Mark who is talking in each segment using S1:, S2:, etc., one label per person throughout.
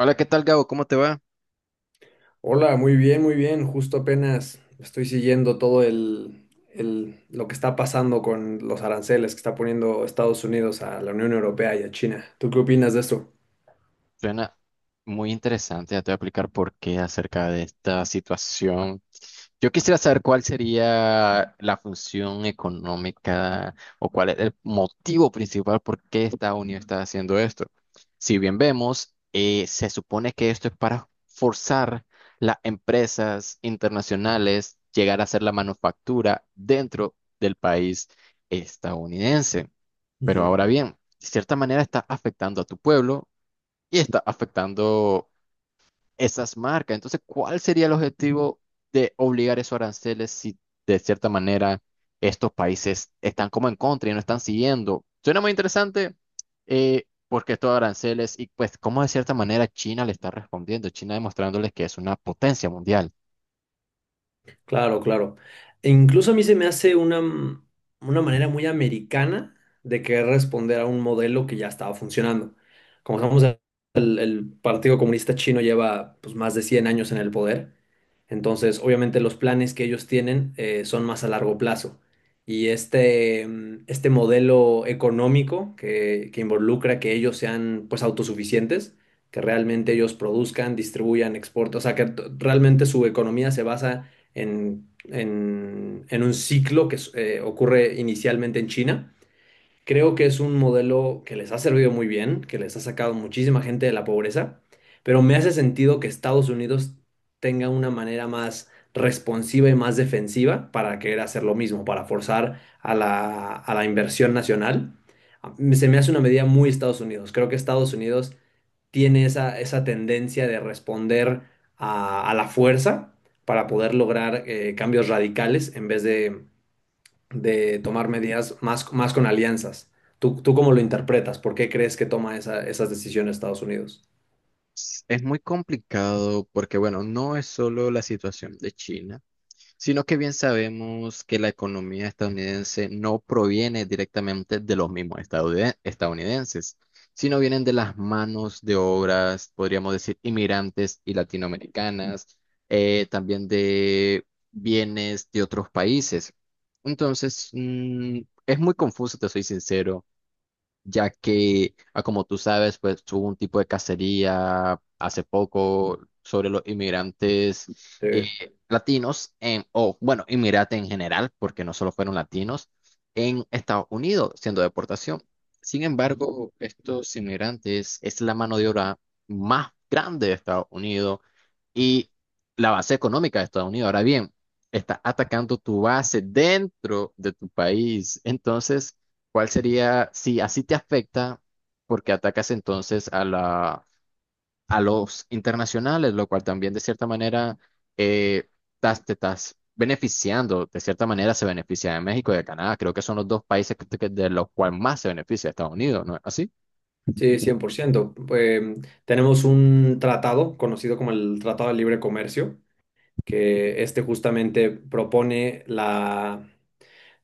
S1: Hola, ¿qué tal, Gabo? ¿Cómo te va?
S2: Hola, muy bien, muy bien. Justo apenas estoy siguiendo todo lo que está pasando con los aranceles que está poniendo Estados Unidos a la Unión Europea y a China. ¿Tú qué opinas de esto?
S1: Suena muy interesante. Ya te voy a explicar por qué acerca de esta situación. Yo quisiera saber cuál sería la función económica o cuál es el motivo principal por qué Estados Unidos está haciendo esto. Si bien vemos, se supone que esto es para forzar las empresas internacionales llegar a hacer la manufactura dentro del país estadounidense. Pero
S2: Ujú.
S1: ahora bien, de cierta manera está afectando a tu pueblo y está afectando esas marcas. Entonces, ¿cuál sería el objetivo de obligar esos aranceles si de cierta manera estos países están como en contra y no están siguiendo? Suena muy interesante, porque estos aranceles y pues cómo de cierta manera China le está respondiendo, China demostrándoles que es una potencia mundial.
S2: Claro, claro. E incluso a mí se me hace una manera muy americana de querer responder a un modelo que ya estaba funcionando. Como estamos, el Partido Comunista Chino lleva, pues, más de 100 años en el poder. Entonces, obviamente los planes que ellos tienen son más a largo plazo. Y este modelo económico que involucra que ellos sean, pues, autosuficientes, que realmente ellos produzcan, distribuyan, exporten, o sea, que realmente su economía se basa en un ciclo que ocurre inicialmente en China. Creo que es un modelo que les ha servido muy bien, que les ha sacado muchísima gente de la pobreza, pero me hace sentido que Estados Unidos tenga una manera más responsiva y más defensiva para querer hacer lo mismo, para forzar a la inversión nacional. Se me hace una medida muy Estados Unidos. Creo que Estados Unidos tiene esa tendencia de responder a la fuerza para poder lograr cambios radicales en vez de tomar medidas más con alianzas. ¿Tú cómo lo interpretas? ¿Por qué crees que toma esas decisiones Estados Unidos?
S1: Es muy complicado porque, bueno, no es solo la situación de China sino que bien sabemos que la economía estadounidense no proviene directamente de los mismos estadounidenses, sino vienen de las manos de obras, podríamos decir, inmigrantes y latinoamericanas, también de bienes de otros países. Entonces, es muy confuso, te soy sincero ya que, ah, como tú sabes, pues hubo un tipo de cacería hace poco sobre los inmigrantes,
S2: Sí,
S1: eh, latinos, en, o bueno, inmigrantes en general, porque no solo fueron latinos, en Estados Unidos, siendo deportación. Sin embargo, estos inmigrantes es la mano de obra más grande de Estados Unidos y la base económica de Estados Unidos. Ahora bien, está atacando tu base dentro de tu país. Entonces, ¿cuál sería, si así te afecta, porque atacas entonces a la, a los internacionales, lo cual también de cierta manera, eh, te estás beneficiando, de cierta manera se beneficia de México y de Canadá. Creo que son los dos países de los cuales más se beneficia Estados Unidos, ¿no es así?
S2: sí, 100%. Tenemos un tratado conocido como el Tratado de Libre Comercio, que este justamente propone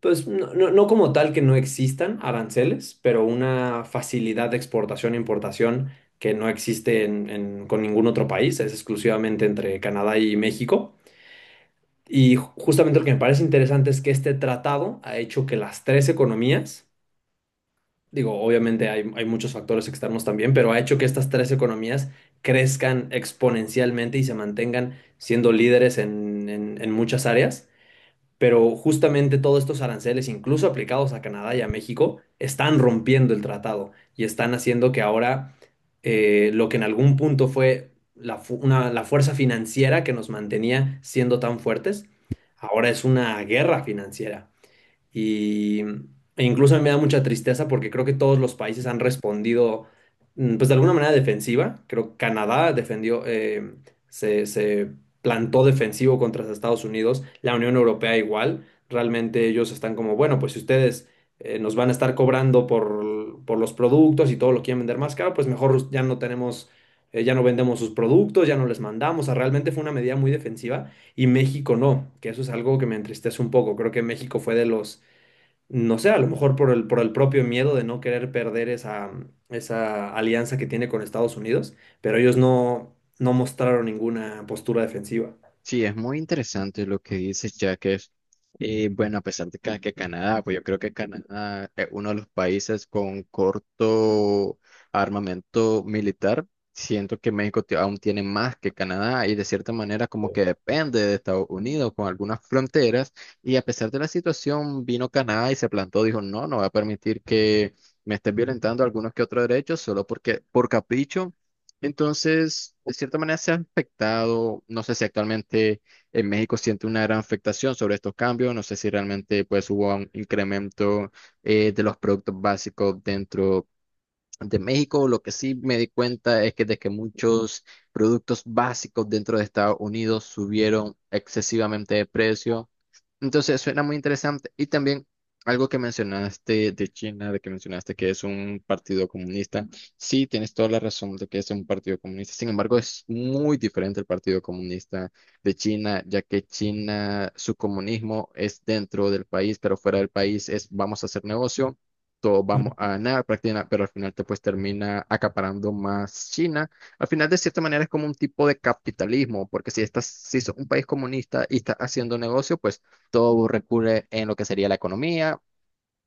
S2: pues no como tal que no existan aranceles, pero una facilidad de exportación e importación que no existe con ningún otro país, es exclusivamente entre Canadá y México. Y justamente lo que me parece interesante es que este tratado ha hecho que las tres economías, digo, obviamente hay muchos factores externos también, pero ha hecho que estas tres economías crezcan exponencialmente y se mantengan siendo líderes en muchas áreas. Pero justamente todos estos aranceles, incluso aplicados a Canadá y a México, están rompiendo el tratado y están haciendo que ahora lo que en algún punto fue la fuerza financiera que nos mantenía siendo tan fuertes, ahora es una guerra financiera. E incluso me da mucha tristeza porque creo que todos los países han respondido, pues de alguna manera defensiva. Creo que Canadá defendió, se plantó defensivo contra Estados Unidos, la Unión Europea igual. Realmente ellos están como, bueno, pues si ustedes nos van a estar cobrando por los productos y todo lo quieren vender más caro, pues mejor ya no tenemos, ya no vendemos sus productos, ya no les mandamos. O sea, realmente fue una medida muy defensiva y México no, que eso es algo que me entristece un poco. Creo que México fue de los, no sé, a lo mejor por el, propio miedo de no querer perder esa, esa alianza que tiene con Estados Unidos, pero ellos no, no mostraron ninguna postura defensiva.
S1: Sí, es muy interesante lo que dices, ya que es, bueno, a pesar de que Canadá, pues yo creo que Canadá es uno de los países con corto armamento militar, siento que México aún tiene más que Canadá y de cierta manera como que depende de Estados Unidos con algunas fronteras y a pesar de la situación vino Canadá y se plantó, dijo, no, no voy a permitir que me estén violentando algunos que otros derechos solo porque por capricho. Entonces, de cierta manera se ha afectado, no sé si actualmente en México siente una gran afectación sobre estos cambios, no sé si realmente pues hubo un incremento, de los productos básicos dentro de México. Lo que sí me di cuenta es que de que muchos productos básicos dentro de Estados Unidos subieron excesivamente de precio. Entonces, suena muy interesante. Y también algo que mencionaste de China, de que mencionaste que es un partido comunista. Sí, tienes toda la razón de que es un partido comunista. Sin embargo, es muy diferente el Partido Comunista de China, ya que China, su comunismo es dentro del país, pero fuera del país es vamos a hacer negocio, todos vamos
S2: Ujú.
S1: a ganar, prácticamente, pero al final te pues termina acaparando más China. Al final, de cierta manera, es como un tipo de capitalismo, porque si estás, si sos un país comunista y estás haciendo negocio, pues todo recurre en lo que sería la economía.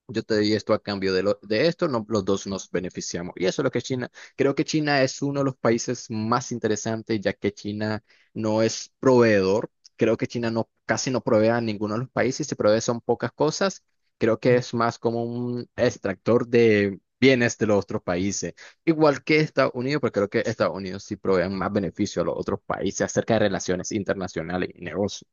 S1: Yo te di esto a cambio de, de esto, no, los dos nos beneficiamos. Y eso es lo que China, creo que China es uno de los países más interesantes, ya que China no es proveedor. Creo que China no, casi no provee a ninguno de los países, si provee son pocas cosas. Creo que es más como un extractor de bienes de los otros países. Igual que Estados Unidos, pero creo que Estados Unidos sí provee más beneficio a los otros países acerca de relaciones internacionales y negocios.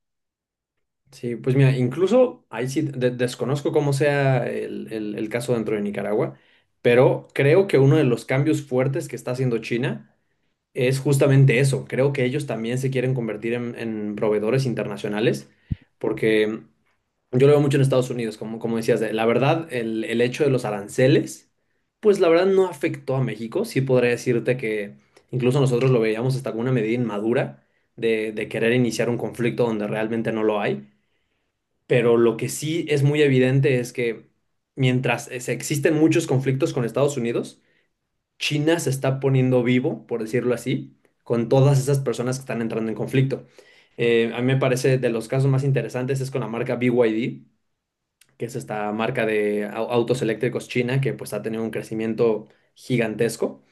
S2: Sí, pues mira, incluso ahí sí desconozco cómo sea el, el caso dentro de Nicaragua, pero creo que uno de los cambios fuertes que está haciendo China es justamente eso. Creo que ellos también se quieren convertir en proveedores internacionales, porque yo lo veo mucho en Estados Unidos, como, como decías, la verdad, el hecho de los aranceles, pues la verdad no afectó a México. Sí podría decirte que incluso nosotros lo veíamos hasta como una medida inmadura de querer iniciar un conflicto donde realmente no lo hay. Pero lo que sí es muy evidente es que mientras existen muchos conflictos con Estados Unidos, China se está poniendo vivo, por decirlo así, con todas esas personas que están entrando en conflicto. A mí me parece de los casos más interesantes es con la marca BYD, que es esta marca de autos eléctricos china que pues ha tenido un crecimiento gigantesco.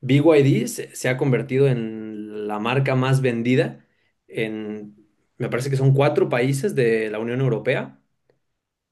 S2: BYD se ha convertido en la marca más vendida en, me parece que son cuatro países de la Unión Europea,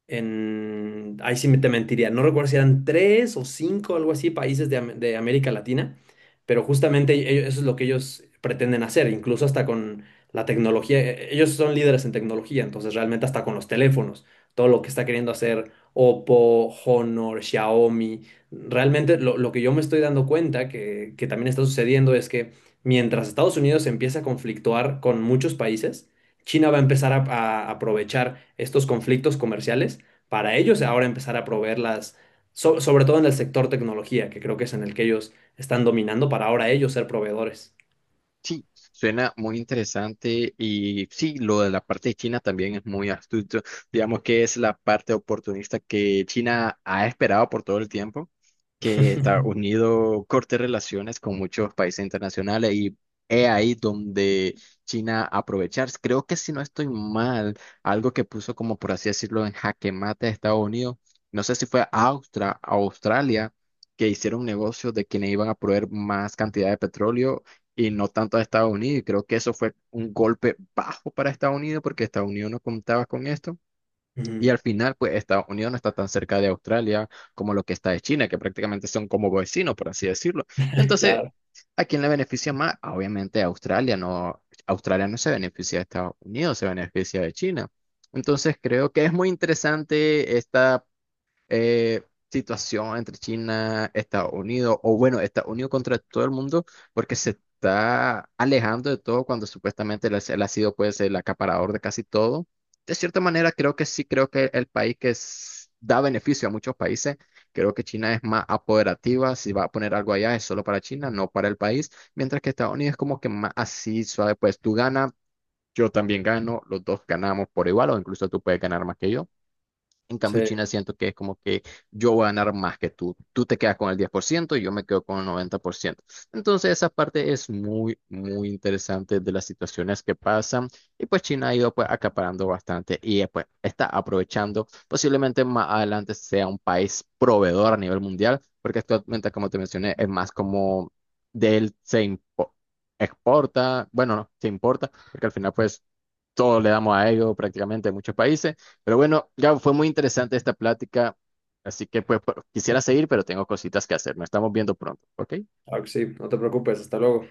S2: ahí sí me te mentiría, no recuerdo si eran tres o cinco, algo así, países de, de América Latina, pero justamente eso es lo que ellos pretenden hacer, incluso hasta con la tecnología, ellos son líderes en tecnología, entonces realmente hasta con los teléfonos, todo lo que está queriendo hacer Oppo, Honor, Xiaomi, realmente lo que yo me estoy dando cuenta que también está sucediendo es que mientras Estados Unidos empieza a conflictuar con muchos países, China va a empezar a aprovechar estos conflictos comerciales para ellos ahora empezar a proveerlas, sobre todo en el sector tecnología, que creo que es en el que ellos están dominando, para ahora ellos ser proveedores.
S1: Sí, suena muy interesante y sí, lo de la parte de China también es muy astuto. Digamos que es la parte oportunista que China ha esperado por todo el tiempo, que Estados Unidos corte relaciones con muchos países internacionales y es ahí donde China aprovechar. Creo que si no estoy mal, algo que puso como por así decirlo en jaque mate a Estados Unidos, no sé si fue Austra, Australia, que hicieron un negocio de que le iban a proveer más cantidad de petróleo y no tanto a Estados Unidos. Y creo que eso fue un golpe bajo para Estados Unidos porque Estados Unidos no contaba con esto. Y
S2: Ujú.
S1: al final, pues Estados Unidos no está tan cerca de Australia como lo que está de China, que prácticamente son como vecinos, por así decirlo. Entonces,
S2: Claro,
S1: ¿a quién le beneficia más? Ah, obviamente a Australia, no. Australia no se beneficia de Estados Unidos, se beneficia de China. Entonces, creo que es muy interesante esta, eh, situación entre China, Estados Unidos, o bueno, Estados Unidos contra todo el mundo, porque se está alejando de todo cuando supuestamente él, él ha sido pues el acaparador de casi todo. De cierta manera, creo que sí, creo que el país da beneficio a muchos países, creo que China es más apoderativa, si va a poner algo allá es solo para China, no para el país, mientras que Estados Unidos es como que más así suave, pues tú ganas. Yo también gano, los dos ganamos por igual, o incluso tú puedes ganar más que yo. En
S2: sí,
S1: cambio, China siento que es como que yo voy a ganar más que tú. Tú te quedas con el 10% y yo me quedo con el 90%. Entonces, esa parte es muy, muy interesante de las situaciones que pasan. Y pues China ha ido pues acaparando bastante y, pues está aprovechando. Posiblemente más adelante sea un país proveedor a nivel mundial, porque actualmente, como te mencioné, es más como de él exporta, bueno, no, se importa, porque al final pues todos le damos a ello prácticamente en muchos países. Pero bueno, ya fue muy interesante esta plática, así que pues quisiera seguir, pero tengo cositas que hacer. Nos estamos viendo pronto, ¿ok?
S2: claro que sí, no te preocupes, hasta luego.